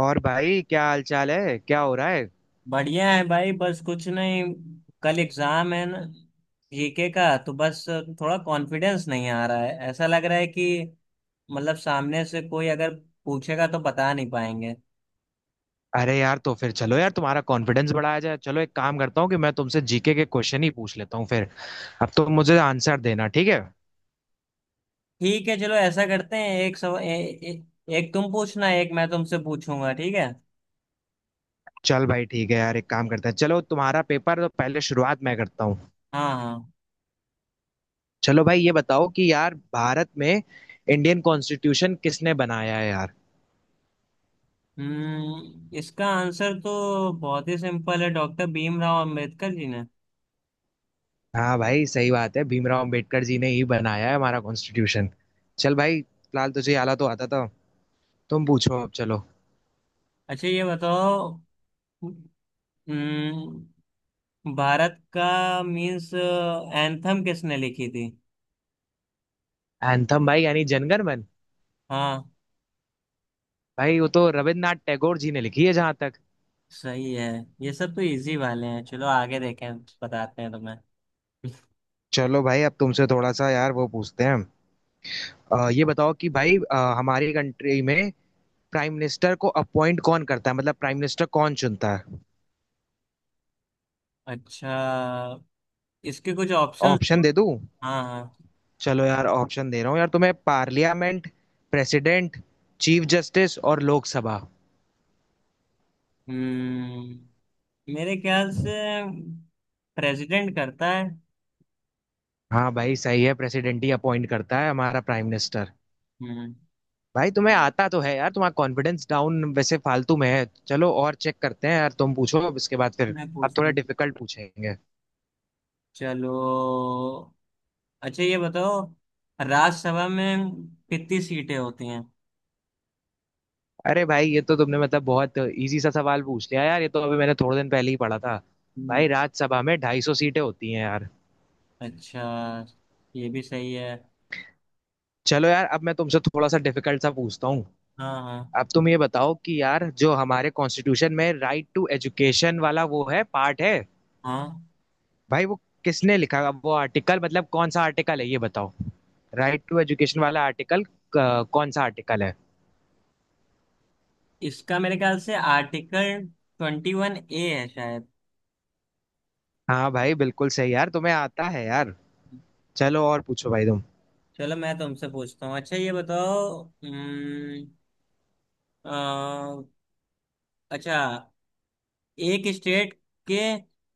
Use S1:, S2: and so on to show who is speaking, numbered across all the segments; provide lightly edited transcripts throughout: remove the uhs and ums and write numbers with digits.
S1: और भाई क्या हाल चाल है, क्या हो रहा है।
S2: बढ़िया है भाई। बस कुछ नहीं। कल एग्जाम है ना। जीके का तो बस थोड़ा कॉन्फिडेंस नहीं आ रहा है। ऐसा लग रहा है कि मतलब सामने से कोई अगर पूछेगा तो बता नहीं पाएंगे।
S1: अरे यार, तो फिर चलो यार, तुम्हारा कॉन्फिडेंस बढ़ाया जाए। चलो एक काम करता हूँ कि मैं तुमसे जीके के क्वेश्चन ही पूछ लेता हूँ फिर। अब तुम मुझे आंसर देना, ठीक है।
S2: ठीक है। चलो ऐसा करते हैं। एक सव, ए, ए, एक तुम पूछना, एक मैं तुमसे पूछूंगा। ठीक है।
S1: चल भाई ठीक है यार, एक काम करते हैं, चलो तुम्हारा पेपर तो पहले, शुरुआत मैं करता हूँ।
S2: हाँ, हाँ।
S1: चलो भाई ये बताओ कि यार भारत में इंडियन कॉन्स्टिट्यूशन किसने बनाया है यार।
S2: इसका आंसर तो बहुत ही सिंपल है। डॉक्टर भीमराव अंबेडकर जी ने।
S1: हाँ भाई, सही बात है, भीमराव अंबेडकर जी ने ही बनाया है हमारा कॉन्स्टिट्यूशन। चल भाई, फिलहाल तुझे आला तो आता था। तुम पूछो अब, चलो।
S2: अच्छा, ये बताओ। हम्म, भारत का मीन्स एंथम किसने लिखी थी?
S1: एंथम भाई यानी जनगण मन।
S2: हाँ।
S1: भाई वो तो रविन्द्रनाथ टैगोर जी ने लिखी है जहां तक।
S2: सही है। ये सब तो इजी वाले हैं। चलो आगे देखें। बताते हैं तुम्हें।
S1: चलो भाई, अब तुमसे थोड़ा सा यार वो पूछते हैं। ये बताओ कि भाई, हमारी कंट्री में प्राइम मिनिस्टर को अपॉइंट कौन करता है, मतलब प्राइम मिनिस्टर कौन चुनता है।
S2: अच्छा, इसके कुछ ऑप्शंस
S1: ऑप्शन
S2: दो।
S1: दे दूं?
S2: हाँ, हाँ।
S1: चलो यार, ऑप्शन दे रहा हूँ यार तुम्हें। पार्लियामेंट, प्रेसिडेंट, चीफ जस्टिस और लोकसभा।
S2: हम्म मेरे ख्याल से प्रेसिडेंट करता है।
S1: हाँ भाई सही है, प्रेसिडेंट ही अपॉइंट करता है हमारा प्राइम मिनिस्टर।
S2: हम्म।
S1: भाई तुम्हें आता तो है यार, तुम्हारा कॉन्फिडेंस डाउन वैसे फालतू में है। चलो और चेक करते हैं यार, तुम पूछो अब इसके बाद फिर।
S2: मैं
S1: अब
S2: पूछती
S1: थोड़ा
S2: हूँ।
S1: डिफिकल्ट पूछेंगे।
S2: चलो। अच्छा, ये बताओ, राज्यसभा में कितनी सीटें होती हैं?
S1: अरे भाई, ये तो तुमने मतलब बहुत इजी सा सवाल पूछ लिया यार, ये तो अभी मैंने थोड़े दिन पहले ही पढ़ा था। भाई,
S2: हम्म।
S1: राज्यसभा में 250 सीटें होती हैं यार।
S2: अच्छा। ये भी सही है।
S1: चलो यार, अब मैं तुमसे थोड़ा सा डिफिकल्ट सा पूछता हूँ।
S2: हाँ, हाँ।
S1: अब तुम ये बताओ कि यार, जो हमारे कॉन्स्टिट्यूशन में राइट टू एजुकेशन वाला वो है, पार्ट है।
S2: हाँ।
S1: भाई वो किसने लिखा, अब वो आर्टिकल, मतलब कौन सा आर्टिकल है ये बताओ। राइट टू एजुकेशन वाला आर्टिकल कौन सा आर्टिकल है।
S2: इसका मेरे ख्याल से आर्टिकल 21A है शायद।
S1: हाँ भाई बिल्कुल सही, यार तुम्हें आता है यार। चलो और पूछो भाई तुम।
S2: चलो, मैं तुमसे पूछता हूँ। अच्छा, ये बताओ। अ, अच्छा, एक स्टेट के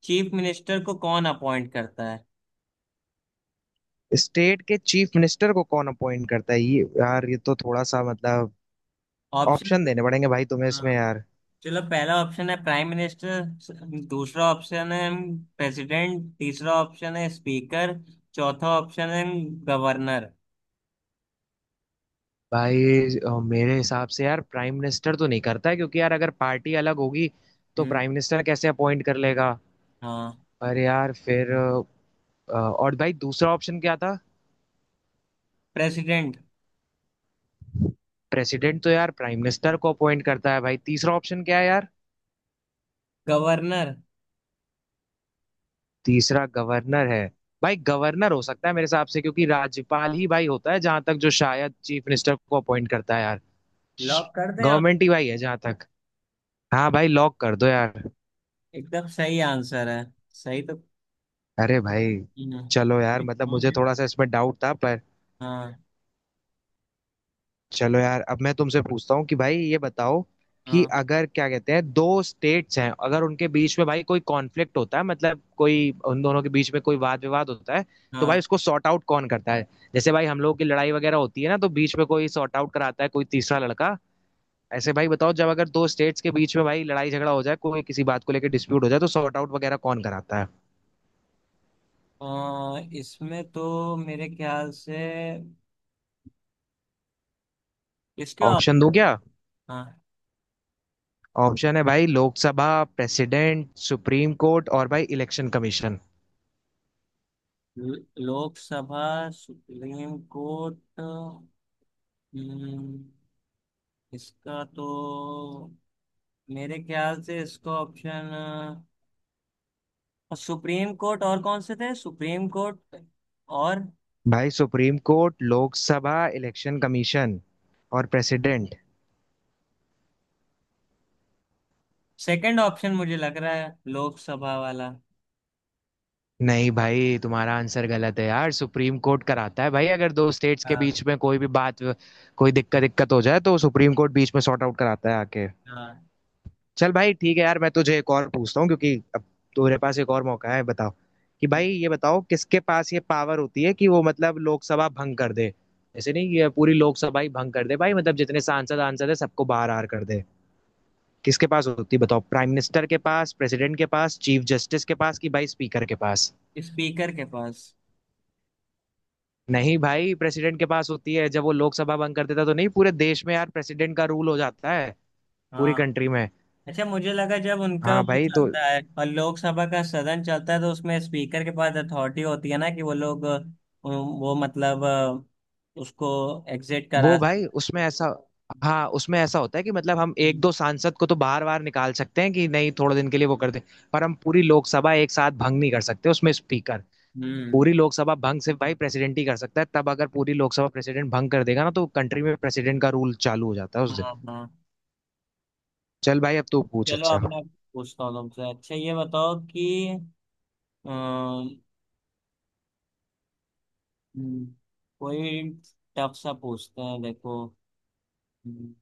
S2: चीफ मिनिस्टर को कौन अपॉइंट करता है?
S1: स्टेट के चीफ मिनिस्टर को कौन अपॉइंट करता है, ये यार ये तो थोड़ा सा मतलब ऑप्शन
S2: ऑप्शन?
S1: देने पड़ेंगे भाई तुम्हें
S2: हाँ।
S1: इसमें यार।
S2: चलो, पहला ऑप्शन है प्राइम मिनिस्टर। दूसरा ऑप्शन है प्रेसिडेंट। तीसरा ऑप्शन है स्पीकर। चौथा ऑप्शन है गवर्नर।
S1: भाई, मेरे हिसाब से यार, प्राइम मिनिस्टर तो नहीं करता है, क्योंकि यार अगर पार्टी अलग होगी तो
S2: हम्म।
S1: प्राइम मिनिस्टर कैसे अपॉइंट कर लेगा।
S2: हाँ।
S1: पर यार फिर और भाई, दूसरा ऑप्शन क्या था?
S2: प्रेसिडेंट।
S1: प्रेसिडेंट तो यार प्राइम मिनिस्टर को अपॉइंट करता है भाई। तीसरा ऑप्शन क्या है यार?
S2: गवर्नर।
S1: तीसरा गवर्नर है। भाई, गवर्नर हो सकता है मेरे हिसाब से, क्योंकि राज्यपाल ही भाई होता है जहां तक, जो शायद चीफ मिनिस्टर को अपॉइंट करता है यार।
S2: लॉक कर दें आप?
S1: गवर्नमेंट ही भाई है जहां तक। हाँ भाई, लॉक कर दो यार।
S2: एकदम सही आंसर है। सही तो।
S1: अरे भाई!
S2: हाँ।
S1: चलो यार, मतलब मुझे थोड़ा सा इसमें डाउट था पर।
S2: हाँ।
S1: चलो यार, अब मैं तुमसे पूछता हूँ कि भाई ये बताओ कि
S2: हाँ।
S1: अगर, क्या कहते हैं, दो स्टेट्स हैं, अगर उनके बीच में भाई कोई कॉन्फ्लिक्ट होता है, मतलब कोई उन दोनों के बीच में कोई वाद विवाद होता है, तो भाई
S2: हाँ।
S1: उसको सॉर्ट आउट कौन करता है। जैसे भाई हम लोगों की लड़ाई वगैरह होती है ना, तो बीच में कोई सॉर्ट आउट कराता है, कोई तीसरा लड़का। ऐसे भाई बताओ, जब अगर दो स्टेट्स के बीच में भाई लड़ाई झगड़ा हो जाए, कोई किसी बात को लेकर डिस्प्यूट हो जाए, तो सॉर्ट आउट वगैरह कौन कराता है।
S2: इसमें तो मेरे ख्याल से, इसके आप।
S1: ऑप्शन दूं क्या?
S2: हाँ।
S1: ऑप्शन है भाई, लोकसभा, प्रेसिडेंट, सुप्रीम कोर्ट और भाई इलेक्शन कमीशन।
S2: ल- लोकसभा, सुप्रीम कोर्ट। हम्म, इसका तो मेरे ख्याल से इसको ऑप्शन सुप्रीम कोर्ट। और कौन से थे? सुप्रीम कोर्ट और।
S1: भाई, supreme court, Lok Sabha, election commission और प्रेसिडेंट।
S2: सेकंड ऑप्शन मुझे लग रहा है लोकसभा वाला।
S1: नहीं भाई, तुम्हारा आंसर गलत है यार। सुप्रीम कोर्ट कराता है भाई, अगर दो स्टेट्स के
S2: हाँ।
S1: बीच में कोई भी बात, कोई दिक्कत दिक्कत हो जाए, तो सुप्रीम कोर्ट बीच में सॉर्ट आउट कराता है आके।
S2: हाँ।
S1: चल भाई ठीक है यार, मैं तुझे एक और पूछता हूँ, क्योंकि अब तुम्हारे पास एक और मौका है। बताओ कि भाई ये बताओ, किसके पास ये पावर होती है कि वो मतलब लोकसभा भंग कर दे। ऐसे नहीं कि पूरी लोकसभा ही भंग कर दे भाई, मतलब जितने सांसद आंसद है, सबको बाहर आर कर दे। किसके पास होती है बताओ? प्राइम मिनिस्टर के पास, प्रेसिडेंट के पास, चीफ जस्टिस के पास, कि भाई स्पीकर के पास।
S2: स्पीकर के पास।
S1: नहीं भाई, प्रेसिडेंट के पास होती है। जब वो लोकसभा भंग कर देता तो नहीं, पूरे देश में यार प्रेसिडेंट का रूल हो जाता है, पूरी
S2: हाँ।
S1: कंट्री में।
S2: अच्छा, मुझे लगा जब उनका
S1: हाँ
S2: वो
S1: भाई, तो
S2: चलता है और लोकसभा का सदन चलता है, तो उसमें स्पीकर के पास अथॉरिटी होती है ना कि वो लोग वो मतलब उसको एग्जिट करा
S1: वो भाई
S2: सकते
S1: उसमें ऐसा, हाँ उसमें ऐसा होता है कि मतलब हम एक
S2: हैं।
S1: दो सांसद को तो बार बार निकाल सकते हैं, कि नहीं थोड़े दिन के लिए वो कर दे। पर हम पूरी लोकसभा एक साथ भंग नहीं कर सकते उसमें स्पीकर।
S2: हम्म।
S1: पूरी लोकसभा भंग सिर्फ भाई प्रेसिडेंट ही कर सकता है। तब अगर पूरी लोकसभा प्रेसिडेंट भंग कर देगा ना, तो कंट्री में प्रेसिडेंट का रूल चालू हो जाता है
S2: हाँ।
S1: उस दिन।
S2: हाँ।
S1: चल भाई, अब तू पूछ।
S2: चलो,
S1: अच्छा,
S2: अब मैं पूछता हूँ तुमसे। अच्छा, ये बताओ कि अ, हम्म, कोई टफ सा पूछते हैं देखो। हम्म।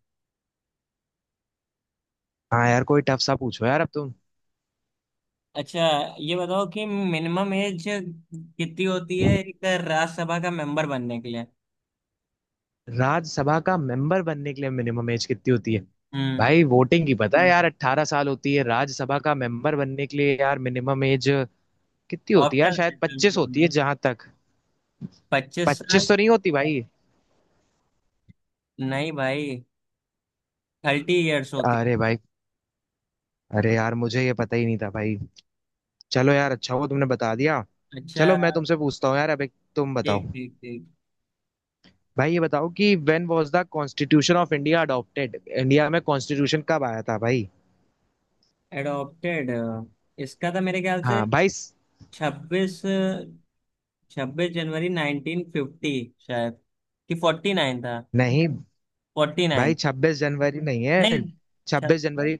S1: हाँ यार, कोई टफ सा पूछो यार अब तुम।
S2: अच्छा, ये बताओ कि मिनिमम एज कितनी होती है एक राज्यसभा का मेंबर बनने के लिए?
S1: राज्यसभा का मेंबर बनने के लिए मिनिमम एज कितनी होती है?
S2: हम्म।
S1: भाई वोटिंग की पता है, यार 18 साल होती है। राज्यसभा का मेंबर बनने के लिए यार मिनिमम एज कितनी होती है यार?
S2: ऑप्शन?
S1: शायद 25 होती है जहां तक।
S2: 25 साल।
S1: 25 तो नहीं होती भाई?
S2: नहीं भाई। 30 इयर्स होती।
S1: अरे भाई, अरे यार, मुझे ये पता ही नहीं था भाई। चलो यार, अच्छा हुआ तुमने बता दिया।
S2: अच्छा।
S1: चलो मैं तुमसे पूछता हूँ यार अब, एक तुम बताओ।
S2: ठीक, ठीक, ठीक।
S1: भाई ये बताओ कि when was the constitution of India adopted, India में कॉन्स्टिट्यूशन कब आया था भाई।
S2: एडॉप्टेड? इसका था मेरे ख्याल से।
S1: हाँ भाई
S2: छब्बीस, 26 जनवरी 1950 शायद। कि 49 था।
S1: नहीं
S2: फोर्टी
S1: भाई,
S2: नाइन
S1: छब्बीस जनवरी नहीं है।
S2: नहीं। छब-
S1: छब्बीस जनवरी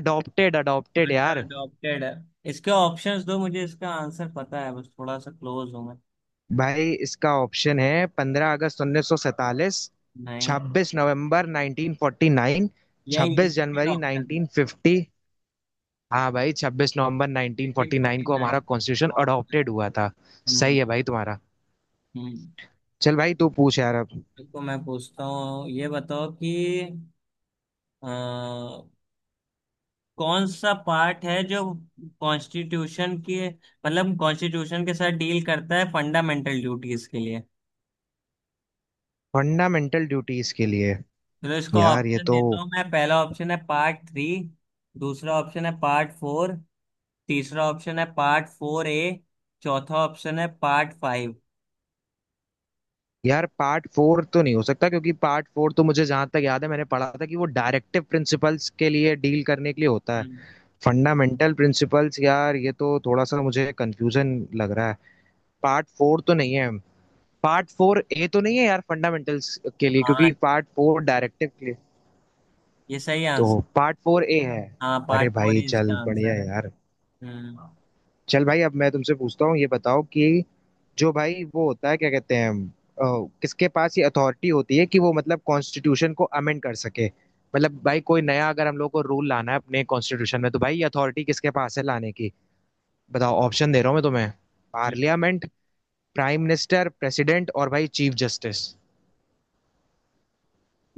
S1: अडॉप्टेड, अडॉप्टेड
S2: अच्छा,
S1: यार।
S2: अडॉप्टेड। इसके ऑप्शंस दो, मुझे इसका आंसर पता है, बस थोड़ा सा क्लोज हूँ।
S1: भाई, इसका ऑप्शन है 15 अगस्त 1947,
S2: नहीं।
S1: 26 नवंबर 1949,
S2: यही
S1: छब्बीस
S2: सेकेंड
S1: जनवरी
S2: ऑप्शन है।
S1: नाइनटीन फिफ्टी हाँ भाई, 26 नवंबर 1949 को हमारा
S2: 1949
S1: कॉन्स्टिट्यूशन
S2: ऑप्शन।
S1: अडॉप्टेड हुआ था। सही
S2: हम्म।
S1: है भाई, तुम्हारा।
S2: हम्म।
S1: चल भाई तू पूछ यार अब।
S2: देखो, मैं पूछता हूँ, ये बताओ कि अ, कौन सा पार्ट है जो कॉन्स्टिट्यूशन के मतलब कॉन्स्टिट्यूशन के साथ डील करता है फंडामेंटल ड्यूटीज के लिए?
S1: फंडामेंटल ड्यूटीज के लिए?
S2: तो इसको
S1: यार ये
S2: ऑप्शन
S1: तो,
S2: देता हूँ मैं। पहला ऑप्शन है पार्ट थ्री। दूसरा ऑप्शन है पार्ट फोर। तीसरा ऑप्शन है पार्ट फोर ए। चौथा ऑप्शन है पार्ट फाइव।
S1: यार पार्ट फोर तो नहीं हो सकता, क्योंकि पार्ट फोर तो मुझे जहां तक याद है, मैंने पढ़ा था कि वो डायरेक्टिव प्रिंसिपल्स के लिए डील करने के लिए होता है।
S2: हम्म।
S1: फंडामेंटल प्रिंसिपल्स यार, ये तो थोड़ा सा मुझे कंफ्यूजन लग रहा है। पार्ट फोर तो नहीं है, पार्ट फोर ए तो नहीं है यार फंडामेंटल्स के लिए,
S2: हाँ,
S1: क्योंकि पार्ट फोर डायरेक्टिव के लिए,
S2: ये सही।
S1: तो पार्ट फोर ए है।
S2: हाँ,
S1: अरे
S2: पार्ट फोर
S1: भाई,
S2: ही इसका
S1: चल बढ़िया
S2: आंसर है।
S1: यार।
S2: हम्म।
S1: चल भाई, अब मैं तुमसे पूछता हूँ, ये बताओ कि जो भाई वो होता है, क्या कहते हैं, किसके पास ये अथॉरिटी होती है कि वो मतलब कॉन्स्टिट्यूशन को अमेंड कर सके। मतलब भाई कोई नया अगर हम लोग को रूल लाना है अपने कॉन्स्टिट्यूशन में, तो भाई ये अथॉरिटी किसके पास है लाने की। बताओ, ऑप्शन दे रहा हूँ मैं तुम्हें,
S2: हम्म।
S1: पार्लियामेंट, प्राइम मिनिस्टर, प्रेसिडेंट और भाई चीफ जस्टिस।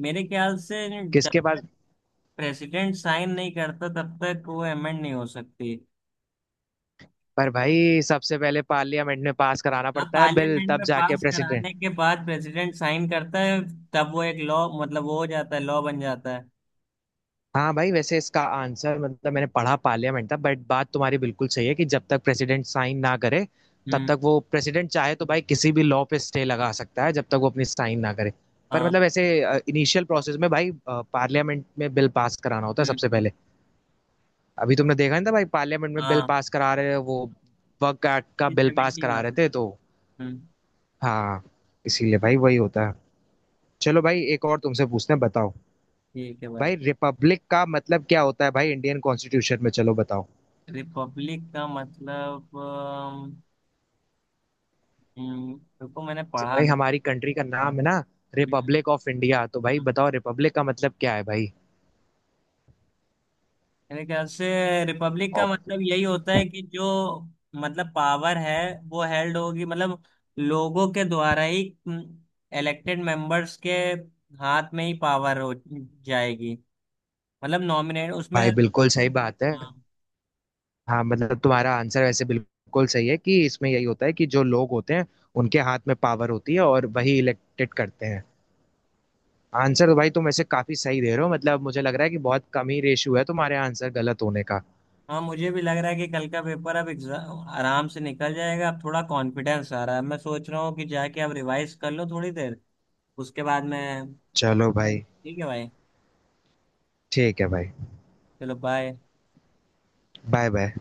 S2: मेरे ख्याल से जब
S1: किसके पास?
S2: प्रेसिडेंट साइन नहीं करता तब तक वो अमेंड नहीं हो सकती।
S1: पर भाई सबसे पहले पार्लियामेंट में पास कराना
S2: हाँ,
S1: पड़ता है बिल,
S2: पार्लियामेंट
S1: तब
S2: में
S1: जाके
S2: पास
S1: प्रेसिडेंट।
S2: कराने के बाद प्रेसिडेंट साइन करता है, तब वो एक लॉ मतलब वो हो जाता है, लॉ बन जाता है।
S1: हाँ भाई, वैसे इसका आंसर मतलब मैंने पढ़ा पार्लियामेंट था, बट बात तुम्हारी बिल्कुल सही है कि जब तक प्रेसिडेंट साइन ना करे, तब
S2: हम्म।
S1: तक वो, प्रेसिडेंट चाहे तो भाई किसी भी लॉ पे स्टे लगा सकता है जब तक वो अपनी साइन ना करे। पर
S2: हाँ।
S1: मतलब ऐसे इनिशियल प्रोसेस में भाई पार्लियामेंट में बिल पास कराना होता है सबसे
S2: हम्म।
S1: पहले। अभी तुमने देखा नहीं था भाई, पार्लियामेंट में बिल
S2: हाँ।
S1: पास करा रहे हैं वो, वर्क एक्ट का बिल पास
S2: 70
S1: करा रहे
S2: वाला।
S1: थे तो।
S2: हम्म।
S1: हाँ, इसीलिए भाई वही होता है। चलो भाई एक और तुमसे पूछते हैं, बताओ।
S2: ठीक है भाई।
S1: भाई रिपब्लिक का मतलब क्या होता है भाई इंडियन कॉन्स्टिट्यूशन में, चलो बताओ।
S2: रिपब्लिक का मतलब रुको, मैंने
S1: जैसे
S2: पढ़ा
S1: भाई
S2: था।
S1: हमारी कंट्री का नाम है ना,
S2: हम्म,
S1: रिपब्लिक ऑफ इंडिया, तो भाई बताओ रिपब्लिक का मतलब क्या है भाई।
S2: मेरे ख्याल से रिपब्लिक का
S1: और?
S2: मतलब यही होता है कि जो मतलब पावर है वो हेल्ड होगी मतलब लोगों के द्वारा ही, इलेक्टेड मेंबर्स के हाथ में ही पावर हो जाएगी, मतलब नॉमिनेट
S1: भाई
S2: उसमें।
S1: बिल्कुल सही बात है।
S2: हाँ।
S1: हाँ मतलब तुम्हारा आंसर वैसे बिल्कुल सही है, कि इसमें यही होता है कि जो लोग होते हैं, उनके हाथ में पावर होती है और वही इलेक्टेड करते हैं। आंसर तो भाई तुम ऐसे काफी सही दे रहे हो, मतलब मुझे लग रहा है कि बहुत कम ही रेशियो है तुम्हारे आंसर गलत होने का।
S2: हाँ, मुझे भी लग रहा है कि कल का पेपर, अब एग्जाम आराम से निकल जाएगा। अब थोड़ा कॉन्फिडेंस आ रहा है। मैं सोच रहा हूँ कि जाके अब रिवाइज कर लो थोड़ी देर। उसके बाद मैं।
S1: चलो भाई
S2: ठीक है भाई।
S1: ठीक है भाई,
S2: चलो, बाय।
S1: Bye bye.